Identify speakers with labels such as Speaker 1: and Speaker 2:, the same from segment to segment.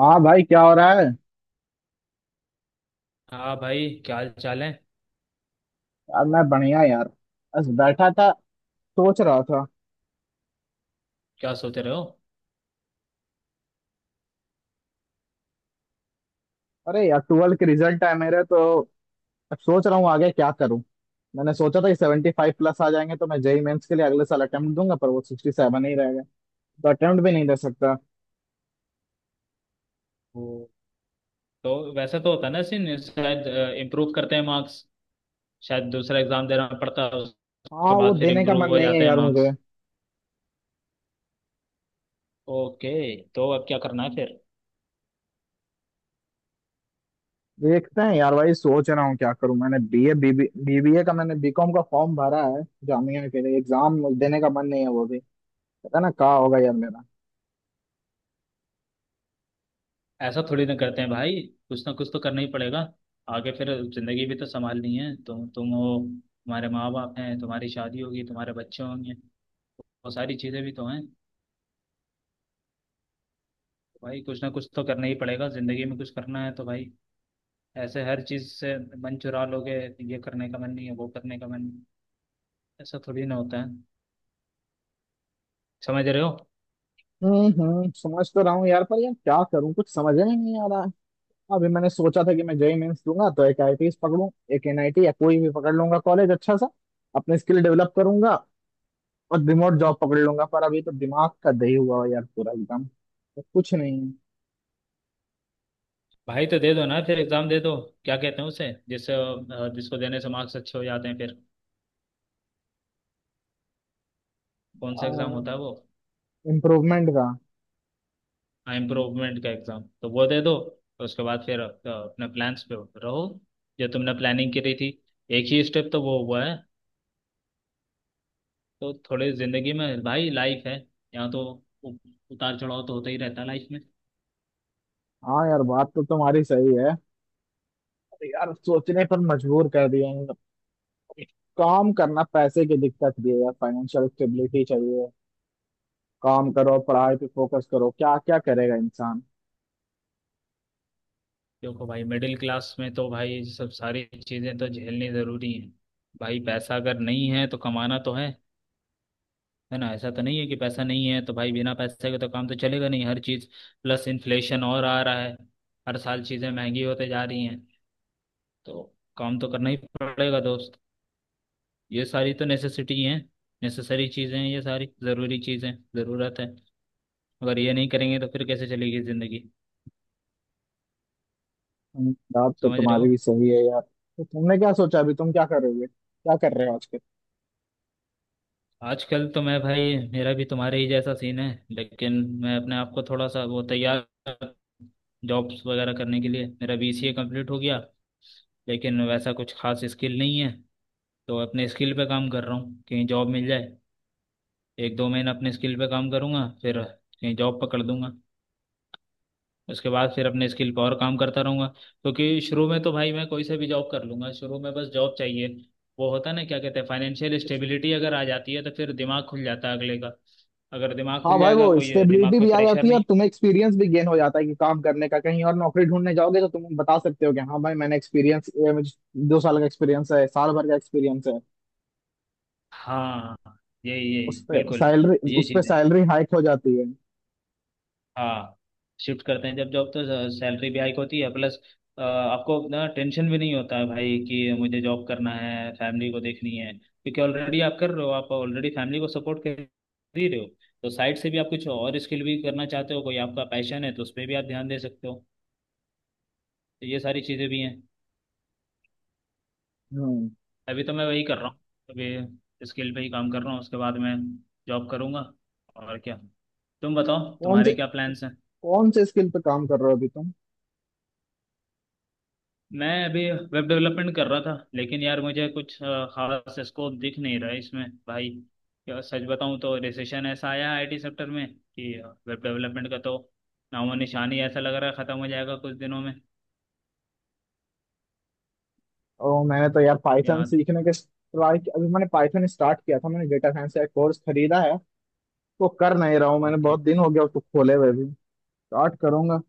Speaker 1: हाँ भाई, क्या हो रहा है।
Speaker 2: हाँ भाई, क्या हाल चाल है?
Speaker 1: यार मैं बढ़िया यार। बस बैठा था। सोच रहा था।
Speaker 2: क्या सोच रहे हो?
Speaker 1: अरे यार, ट्वेल्थ के रिजल्ट है मेरे तो। अब सोच रहा हूँ आगे क्या करूँ। मैंने सोचा था कि 75 प्लस आ जाएंगे तो मैं जेई मेंस के लिए अगले साल अटेम्प्ट दूंगा, पर वो 67 ही रहेगा। तो अटेम्प्ट भी नहीं दे सकता।
Speaker 2: वो तो वैसे तो होता है ना सीन, शायद इम्प्रूव करते हैं मार्क्स। शायद दूसरा एग्जाम देना पड़ता है
Speaker 1: हाँ,
Speaker 2: उसके
Speaker 1: वो
Speaker 2: बाद फिर
Speaker 1: देने का
Speaker 2: इम्प्रूव
Speaker 1: मन
Speaker 2: हो
Speaker 1: नहीं है
Speaker 2: जाते हैं
Speaker 1: यार मुझे।
Speaker 2: मार्क्स। ओके, तो अब क्या करना है फिर?
Speaker 1: देखते हैं यार भाई, सोच रहा हूँ क्या करूँ। मैंने बीए बीबी बीबीए का मैंने बीकॉम का फॉर्म भरा है। जामिया के लिए एग्जाम देने का मन नहीं है वो भी। पता ना कहाँ होगा यार मेरा।
Speaker 2: ऐसा थोड़ी ना करते हैं भाई। कुछ ना कुछ तो करना ही पड़ेगा आगे फिर। जिंदगी भी तो संभालनी है। तुम हो, तुम्हारे माँ बाप हैं, तुम्हारी शादी होगी, तुम्हारे बच्चे होंगे, तो वो सारी चीज़ें भी तो हैं। भाई कुछ ना कुछ तो करना ही पड़ेगा, जिंदगी में कुछ करना है तो भाई। ऐसे हर चीज से मन चुरा लोगे, ये करने का मन नहीं है, वो करने का मन नहीं है। ऐसा थोड़ी ना होता है। समझ रहे हो?
Speaker 1: हम्म, हम्म, समझ तो रहा हूँ यार, पर यार क्या करूँ, कुछ समझ में नहीं आ रहा है। अभी मैंने सोचा था कि मैं जेई मेंस दूंगा तो एक आईटी पकड़ूं, एक एनआईटी या कोई भी पकड़ लूंगा कॉलेज अच्छा सा। अपने स्किल डेवलप करूंगा और रिमोट जॉब पकड़ लूंगा, पर अभी तो दिमाग का दही हुआ है यार पूरा एकदम, तो कुछ नहीं
Speaker 2: भाई तो दे दो ना फिर, एग्जाम दे दो। क्या कहते हैं उसे, जिससे जिसको देने से मार्क्स अच्छे हो जाते हैं फिर? कौन सा एग्जाम
Speaker 1: है।
Speaker 2: होता है वो?
Speaker 1: इम्प्रूवमेंट का।
Speaker 2: हाँ, इम्प्रूवमेंट का एग्जाम, तो वो दे दो। तो उसके बाद फिर अपने प्लान्स पे रहो, जो तुमने प्लानिंग करी थी। एक ही स्टेप तो वो हुआ है। तो थोड़े जिंदगी में भाई, लाइफ है यहाँ तो उ- उतार चढ़ाव तो होता ही रहता है लाइफ में।
Speaker 1: हाँ यार, बात तो तुम्हारी सही है। अरे यार, सोचने पर मजबूर कर दिया है मतलब। काम करना, पैसे की दिक्कत भी है यार, फाइनेंशियल स्टेबिलिटी चाहिए। काम करो, पढ़ाई पे फोकस करो, क्या क्या करेगा इंसान।
Speaker 2: देखो भाई, मिडिल क्लास में तो भाई ये सब सारी चीज़ें तो झेलनी ज़रूरी हैं। भाई पैसा अगर नहीं है तो कमाना तो है। है ना? ऐसा तो नहीं है कि पैसा नहीं है तो भाई, बिना पैसे के तो काम तो चलेगा नहीं हर चीज़। प्लस इन्फ्लेशन और आ रहा है, हर साल चीज़ें महंगी होते जा रही हैं। तो काम तो करना ही पड़ेगा दोस्त। ये सारी तो नेसेसिटी हैं, नेसेसरी चीज़ें हैं ये सारी, ज़रूरी चीज़ें, ज़रूरत है। अगर ये नहीं करेंगे तो फिर कैसे चलेगी ज़िंदगी?
Speaker 1: बात तो
Speaker 2: समझ रहे
Speaker 1: तुम्हारी
Speaker 2: हो?
Speaker 1: भी सही है यार। तो तुमने क्या सोचा? अभी तुम क्या कर रहे हो? क्या कर रहे हो आजकल?
Speaker 2: आजकल तो मैं भाई, मेरा भी तुम्हारे ही जैसा सीन है लेकिन मैं अपने आप को थोड़ा सा वो तैयार, जॉब्स वगैरह करने के लिए। मेरा बीसीए कंप्लीट हो गया, लेकिन वैसा कुछ खास स्किल नहीं है। तो अपने स्किल पे काम कर रहा हूँ, कहीं जॉब मिल जाए। 1 2 महीना अपने स्किल पे काम करूँगा, फिर कहीं जॉब पकड़ दूंगा। उसके बाद फिर अपने स्किल पर और काम करता रहूंगा, क्योंकि शुरू में तो भाई मैं कोई से भी जॉब कर लूंगा, शुरू में बस जॉब चाहिए। वो होता है ना क्या कहते हैं, फाइनेंशियल स्टेबिलिटी अगर आ जाती है तो फिर दिमाग खुल जाता है अगले का। अगर दिमाग
Speaker 1: हाँ
Speaker 2: खुल
Speaker 1: भाई, वो
Speaker 2: जाएगा कोई दिमाग
Speaker 1: स्टेबिलिटी
Speaker 2: पे
Speaker 1: भी आ
Speaker 2: प्रेशर
Speaker 1: जाती है और
Speaker 2: नहीं।
Speaker 1: तुम्हें एक्सपीरियंस भी गेन हो जाता है कि काम करने का। कहीं और नौकरी ढूंढने जाओगे तो तुम बता सकते हो कि हाँ भाई, मैंने एक्सपीरियंस, मुझे 2 साल का एक्सपीरियंस है, साल भर का एक्सपीरियंस है।
Speaker 2: हाँ, यही यही बिल्कुल। ये
Speaker 1: उस पे
Speaker 2: चीज़ है।
Speaker 1: सैलरी हाइक हो जाती है।
Speaker 2: हाँ, शिफ्ट करते हैं जब जॉब, तो सैलरी भी हाइक होती है। प्लस आपको ना टेंशन भी नहीं होता है भाई कि मुझे जॉब करना है, फैमिली को देखनी है, क्योंकि ऑलरेडी आप कर रहे हो, आप ऑलरेडी फैमिली को सपोर्ट कर दे रहे हो। तो साइड से भी आप कुछ और स्किल भी करना चाहते हो, कोई आपका पैशन है तो उस पर भी आप ध्यान दे सकते हो। तो ये सारी चीज़ें भी हैं।
Speaker 1: हम्म।
Speaker 2: अभी तो मैं वही कर रहा हूँ, अभी स्किल पे ही काम कर रहा हूँ, उसके बाद मैं जॉब करूँगा और क्या। तुम बताओ,
Speaker 1: कौन
Speaker 2: तुम्हारे
Speaker 1: से
Speaker 2: क्या प्लान्स हैं?
Speaker 1: कौन से स्किल पे काम कर रहे हो अभी तुम?
Speaker 2: मैं अभी वेब डेवलपमेंट कर रहा था, लेकिन यार मुझे कुछ खास स्कोप दिख नहीं रहा है इसमें भाई। क्या सच बताऊं, तो रिसेशन ऐसा आया आईटी सेक्टर में कि वेब डेवलपमेंट का तो नामो निशान ही, ऐसा लग रहा है, ख़त्म हो जाएगा कुछ दिनों में
Speaker 1: और मैंने तो यार पाइथन
Speaker 2: यहाँ।
Speaker 1: सीखने के ट्राई, अभी मैंने पाइथन स्टार्ट किया था, मैंने डेटा साइंस का कोर्स खरीदा है। वो कर नहीं रहा हूँ मैंने, बहुत दिन हो गया उसको खोले हुए भी। स्टार्ट करूंगा।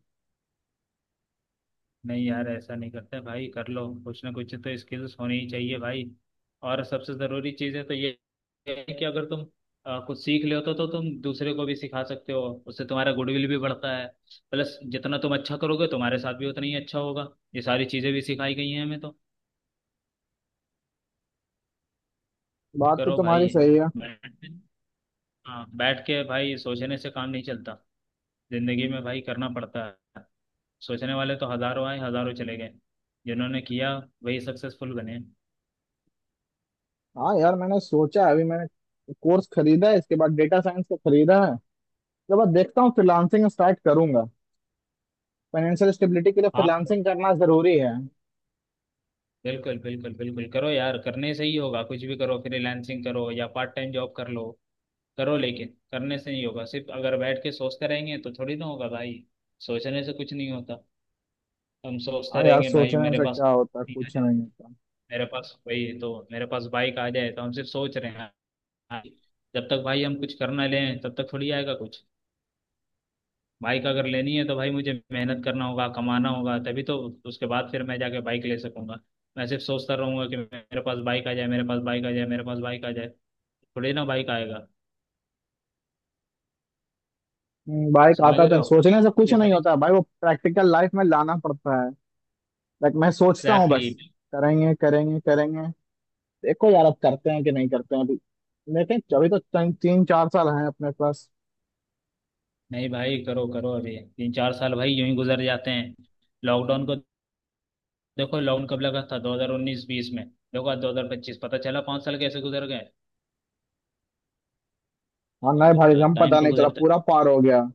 Speaker 2: नहीं यार, ऐसा नहीं करते भाई, कर लो कुछ ना कुछ तो, स्किल्स होनी ही चाहिए भाई। और सबसे ज़रूरी चीज़ है तो ये है कि अगर तुम कुछ सीख ले होते तो तुम दूसरे को भी सिखा सकते हो। उससे तुम्हारा गुडविल भी बढ़ता है। प्लस जितना तुम अच्छा करोगे, तुम्हारे साथ भी उतना ही अच्छा होगा। ये सारी चीज़ें भी सिखाई गई हैं हमें तो।
Speaker 1: बात तो
Speaker 2: करो भाई,
Speaker 1: तुम्हारी सही है।
Speaker 2: बैठ, हाँ, बैठ के भाई सोचने से काम नहीं चलता, जिंदगी में भाई करना पड़ता है। सोचने वाले तो हज़ारों आए, हज़ारों चले गए। जिन्होंने किया, वही सक्सेसफुल बने।
Speaker 1: हाँ यार, मैंने सोचा है, अभी मैंने कोर्स खरीदा है, इसके बाद डेटा साइंस का खरीदा है। उसके बाद देखता हूँ फ्रीलांसिंग स्टार्ट करूंगा। फाइनेंशियल स्टेबिलिटी के लिए
Speaker 2: हाँ
Speaker 1: फ्रीलांसिंग करना जरूरी है।
Speaker 2: बिल्कुल बिल्कुल बिल्कुल, करो यार, करने से ही होगा। कुछ भी करो, फ्रीलांसिंग करो या पार्ट टाइम जॉब कर लो। करो लेकिन, करने से नहीं होगा सिर्फ, अगर बैठ के सोचते रहेंगे तो थोड़ी ना होगा भाई। सोचने से कुछ नहीं होता। हम सोचते
Speaker 1: हाँ यार,
Speaker 2: रहेंगे भाई,
Speaker 1: सोचने
Speaker 2: मेरे
Speaker 1: से
Speaker 2: पास
Speaker 1: क्या होता है,
Speaker 2: ठीक है,
Speaker 1: कुछ नहीं होता।
Speaker 2: मेरे पास वही है, तो मेरे पास बाइक आ जाए, तो हम सिर्फ सोच रहे हैं, हाँ, जब तक भाई हम कुछ करना लें तब तक थोड़ी आएगा कुछ। बाइक अगर लेनी है तो भाई मुझे मेहनत करना होगा, कमाना होगा तभी तो उसके बाद फिर मैं जाके बाइक ले सकूंगा। मैं सिर्फ सोचता रहूंगा कि मेरे पास बाइक आ जाए, मेरे पास बाइक आ जाए, मेरे पास बाइक आ जाए, थोड़ी ना बाइक आएगा।
Speaker 1: भाई
Speaker 2: समझ
Speaker 1: आता था,
Speaker 2: रहे हो?
Speaker 1: सोचने से कुछ
Speaker 2: ये
Speaker 1: नहीं
Speaker 2: सारी
Speaker 1: होता भाई, वो प्रैक्टिकल लाइफ में लाना पड़ता है। लाइक मैं सोचता हूँ
Speaker 2: एग्जैक्टली।
Speaker 1: बस करेंगे करेंगे करेंगे। देखो यार, अब करते हैं कि नहीं करते हैं अभी। लेकिन अभी तो तीन तीन चार साल हैं अपने पास।
Speaker 2: नहीं भाई, करो करो, अभी 3 4 साल भाई यूं ही गुजर जाते हैं। लॉकडाउन को देखो, लॉकडाउन कब लगा था, 2019-20 में, देखो आज 2025, पता चला 5 साल कैसे गुजर गए।
Speaker 1: और नए भाई
Speaker 2: तो
Speaker 1: हम,
Speaker 2: टाइम
Speaker 1: पता
Speaker 2: को
Speaker 1: नहीं चला
Speaker 2: गुजरते,
Speaker 1: पूरा पार हो गया।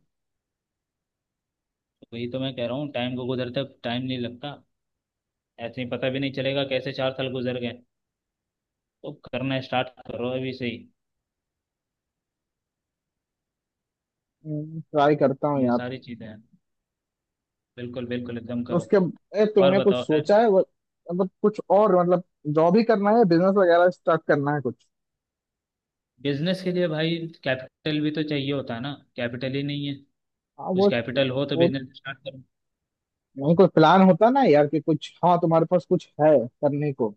Speaker 2: वही तो मैं कह रहा हूँ, टाइम को गुजरते टाइम नहीं लगता। ऐसे ही पता भी नहीं चलेगा कैसे 4 साल गुजर गए। तो करना स्टार्ट करो अभी से ही।
Speaker 1: ट्राई करता हूँ
Speaker 2: ये
Speaker 1: यार।
Speaker 2: सारी चीजें हैं, बिल्कुल बिल्कुल एकदम
Speaker 1: तो
Speaker 2: करो।
Speaker 1: उसके
Speaker 2: और
Speaker 1: तुमने कुछ
Speaker 2: बताओ खैर।
Speaker 1: सोचा है मतलब कुछ और मतलब। जॉब ही करना है, बिजनेस वगैरह स्टार्ट करना है कुछ?
Speaker 2: बिजनेस के लिए भाई कैपिटल भी तो चाहिए होता है ना, कैपिटल ही नहीं है।
Speaker 1: हाँ
Speaker 2: कुछ
Speaker 1: वो
Speaker 2: कैपिटल हो तो
Speaker 1: वो
Speaker 2: बिजनेस स्टार्ट करो।
Speaker 1: नहीं, कोई प्लान होता ना यार कि कुछ। हाँ, तुम्हारे पास कुछ है करने को?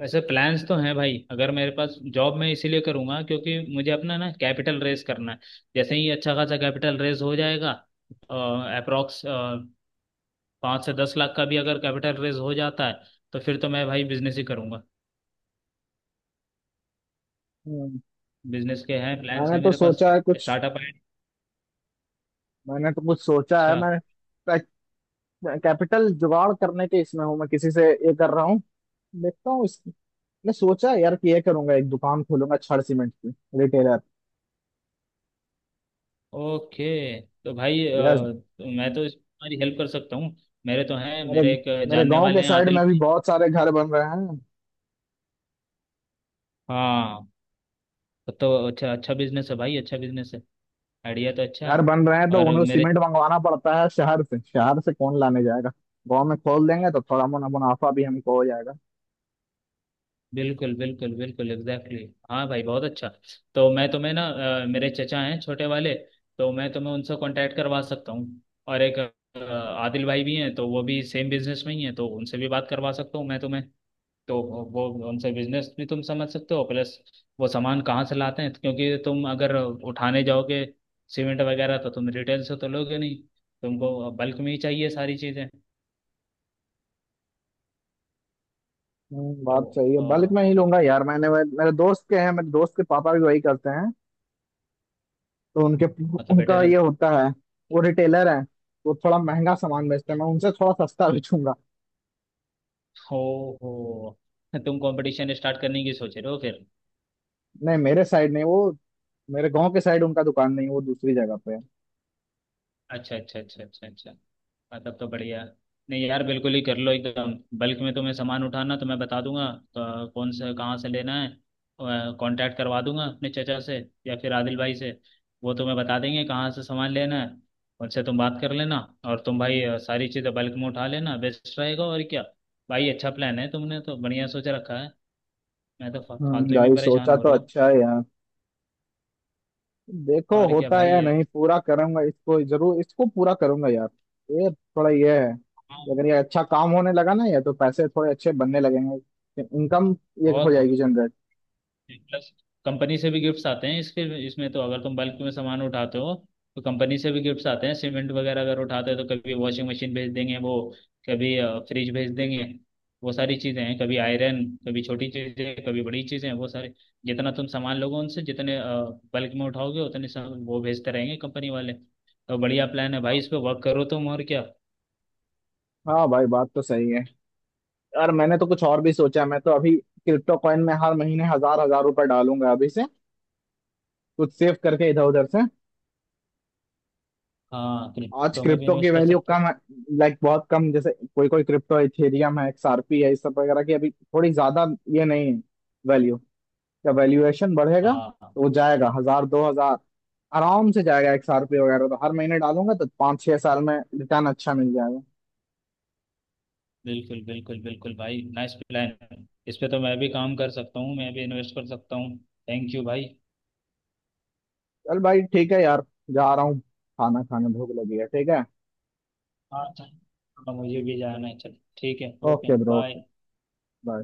Speaker 2: वैसे प्लान्स तो हैं भाई, अगर मेरे पास जॉब, मैं इसीलिए करूंगा क्योंकि मुझे अपना ना कैपिटल रेज करना है। जैसे ही अच्छा खासा कैपिटल रेज हो जाएगा, अप्रोक्स 5 से 10 लाख का भी अगर कैपिटल रेज हो जाता है, तो फिर तो मैं भाई बिजनेस ही करूंगा।
Speaker 1: हम्म।
Speaker 2: बिजनेस के हैं, प्लान्स
Speaker 1: मैंने
Speaker 2: हैं
Speaker 1: तो
Speaker 2: मेरे पास,
Speaker 1: सोचा है कुछ।
Speaker 2: स्टार्टअप है।
Speaker 1: मैंने तो कुछ सोचा है
Speaker 2: अच्छा,
Speaker 1: मैं। कैपिटल जुगाड़ करने के इसमें हूँ मैं, किसी से ये कर रहा हूँ, देखता हूँ। मैं सोचा यार कि ये करूंगा, एक दुकान खोलूंगा छड़ सीमेंट की, रिटेलर।
Speaker 2: ओके, तो भाई
Speaker 1: यार
Speaker 2: तो मैं तो इस तुम्हारी हेल्प कर सकता हूँ। मेरे तो हैं,
Speaker 1: मेरे
Speaker 2: मेरे एक
Speaker 1: मेरे
Speaker 2: जानने
Speaker 1: गांव के
Speaker 2: वाले हैं
Speaker 1: साइड
Speaker 2: आदिल
Speaker 1: में भी
Speaker 2: भाई।
Speaker 1: बहुत सारे घर बन रहे हैं।
Speaker 2: हाँ, तो अच्छा, अच्छा बिजनेस है भाई, अच्छा बिजनेस है, आइडिया तो अच्छा
Speaker 1: घर
Speaker 2: है।
Speaker 1: बन रहे हैं तो
Speaker 2: और
Speaker 1: उन्हें
Speaker 2: मेरे,
Speaker 1: सीमेंट मंगवाना पड़ता है शहर से। कौन लाने जाएगा? गांव में खोल देंगे तो थोड़ा मुनाफा भी हमको हो जाएगा।
Speaker 2: बिल्कुल बिल्कुल बिल्कुल एग्जैक्टली exactly. हाँ भाई, बहुत अच्छा। तो मैं तुम्हें ना मेरे चचा हैं छोटे वाले, तो मैं तुम्हें उनसे कांटेक्ट करवा सकता हूँ। और एक आदिल भाई भी हैं, तो वो भी सेम बिजनेस में ही हैं, तो उनसे भी बात करवा सकता हूँ मैं तुम्हें। तो वो उनसे बिजनेस भी तुम समझ सकते हो। प्लस वो सामान कहाँ से लाते हैं, क्योंकि तुम अगर उठाने जाओगे सीमेंट वगैरह, तो तुम रिटेल से तो लोगे नहीं, तुमको बल्क में ही चाहिए सारी चीज़ें। तो
Speaker 1: बात सही है,
Speaker 2: अ,
Speaker 1: बल्क में ही
Speaker 2: लगे-
Speaker 1: लूंगा यार। मैंने मेरे दोस्त के हैं मेरे दोस्त के पापा भी वही करते हैं। तो उनके
Speaker 2: मतलब
Speaker 1: उनका
Speaker 2: बेटर,
Speaker 1: ये होता है, वो रिटेलर है, वो थोड़ा महंगा सामान बेचते हैं, मैं उनसे थोड़ा सस्ता बेचूंगा।
Speaker 2: हो हो तुम कंपटीशन स्टार्ट करने की सोच रहे हो फिर?
Speaker 1: नहीं मेरे साइड नहीं वो, मेरे गांव के साइड उनका दुकान नहीं, वो दूसरी जगह पे है।
Speaker 2: अच्छा अच्छा अच्छा अच्छा अच्छा। हाँ, तब तो बढ़िया। नहीं यार, बिल्कुल ही कर लो एकदम। बल्क में तुम्हें सामान उठाना तो मैं बता दूंगा, तो कौन से कहाँ से लेना है, कांटेक्ट करवा दूंगा अपने चचा से या फिर आदिल भाई से। वो तुम्हें बता देंगे कहाँ से सामान लेना है। उनसे तुम बात कर लेना। और तुम भाई सारी चीज़ें बल्क में उठा लेना, बेस्ट रहेगा और क्या। भाई अच्छा प्लान है, तुमने तो बढ़िया सोच रखा है। मैं तो फालतू ही में
Speaker 1: भाई
Speaker 2: परेशान
Speaker 1: सोचा
Speaker 2: हो
Speaker 1: तो
Speaker 2: रहे हो।
Speaker 1: अच्छा है यार। देखो
Speaker 2: और क्या
Speaker 1: होता है
Speaker 2: भाई।
Speaker 1: या नहीं, पूरा करूंगा इसको जरूर इसको पूरा करूंगा यार। ये थोड़ा ये है
Speaker 2: हाँ,
Speaker 1: कि अगर ये अच्छा काम होने लगा ना, ये तो पैसे थोड़े अच्छे बनने लगेंगे, इनकम ये हो
Speaker 2: बहुत।
Speaker 1: जाएगी जनरेट।
Speaker 2: प्लस कंपनी से भी गिफ्ट्स आते हैं इसके इसमें तो अगर तुम बल्क में सामान उठाते हो, तो कंपनी से भी गिफ्ट्स आते हैं। सीमेंट वगैरह अगर उठाते हो तो कभी वॉशिंग मशीन भेज देंगे वो, कभी फ्रिज भेज देंगे, वो सारी चीज़ें हैं, कभी आयरन, कभी छोटी चीज़ें, कभी बड़ी चीज़ें, वो सारे जितना तुम सामान लोगे उनसे, जितने बल्क में उठाओगे, उतने सामान वो भेजते रहेंगे कंपनी वाले। तो बढ़िया प्लान है भाई,
Speaker 1: हाँ,
Speaker 2: इस पे वर्क करो तुम और क्या।
Speaker 1: हाँ भाई, बात तो सही है यार। मैंने तो कुछ और भी सोचा है, मैं तो अभी क्रिप्टो कॉइन में हर महीने हजार हजार रुपए डालूंगा अभी से, कुछ सेव करके इधर उधर से।
Speaker 2: हाँ,
Speaker 1: आज
Speaker 2: क्रिप्टो में भी
Speaker 1: क्रिप्टो की
Speaker 2: इन्वेस्ट कर
Speaker 1: वैल्यू
Speaker 2: सकते हो।
Speaker 1: कम है, लाइक बहुत कम। जैसे कोई कोई क्रिप्टो है, इथेरियम है, एक्सआरपी है, इस सब वगैरह की अभी थोड़ी ज्यादा ये नहीं है वैल्यू। का वैल्यूएशन बढ़ेगा
Speaker 2: हाँ
Speaker 1: तो वो जाएगा हजार दो हजार आराम से, जाएगा एक साल पे वगैरह। तो हर महीने डालूंगा तो 5-6 साल में रिटर्न अच्छा मिल जाएगा।
Speaker 2: बिल्कुल बिल्कुल बिल्कुल भाई, नाइस प्लान। इस पे तो मैं भी काम कर सकता हूँ, मैं भी इन्वेस्ट कर सकता हूँ। थैंक यू भाई।
Speaker 1: चल भाई, ठीक है यार, जा रहा हूँ खाना खाने, भूख लगी है। ठीक है,
Speaker 2: हाँ चल, अब मुझे भी जाना है। चल ठीक है, okay
Speaker 1: okay bro, okay,
Speaker 2: bye.
Speaker 1: Bye.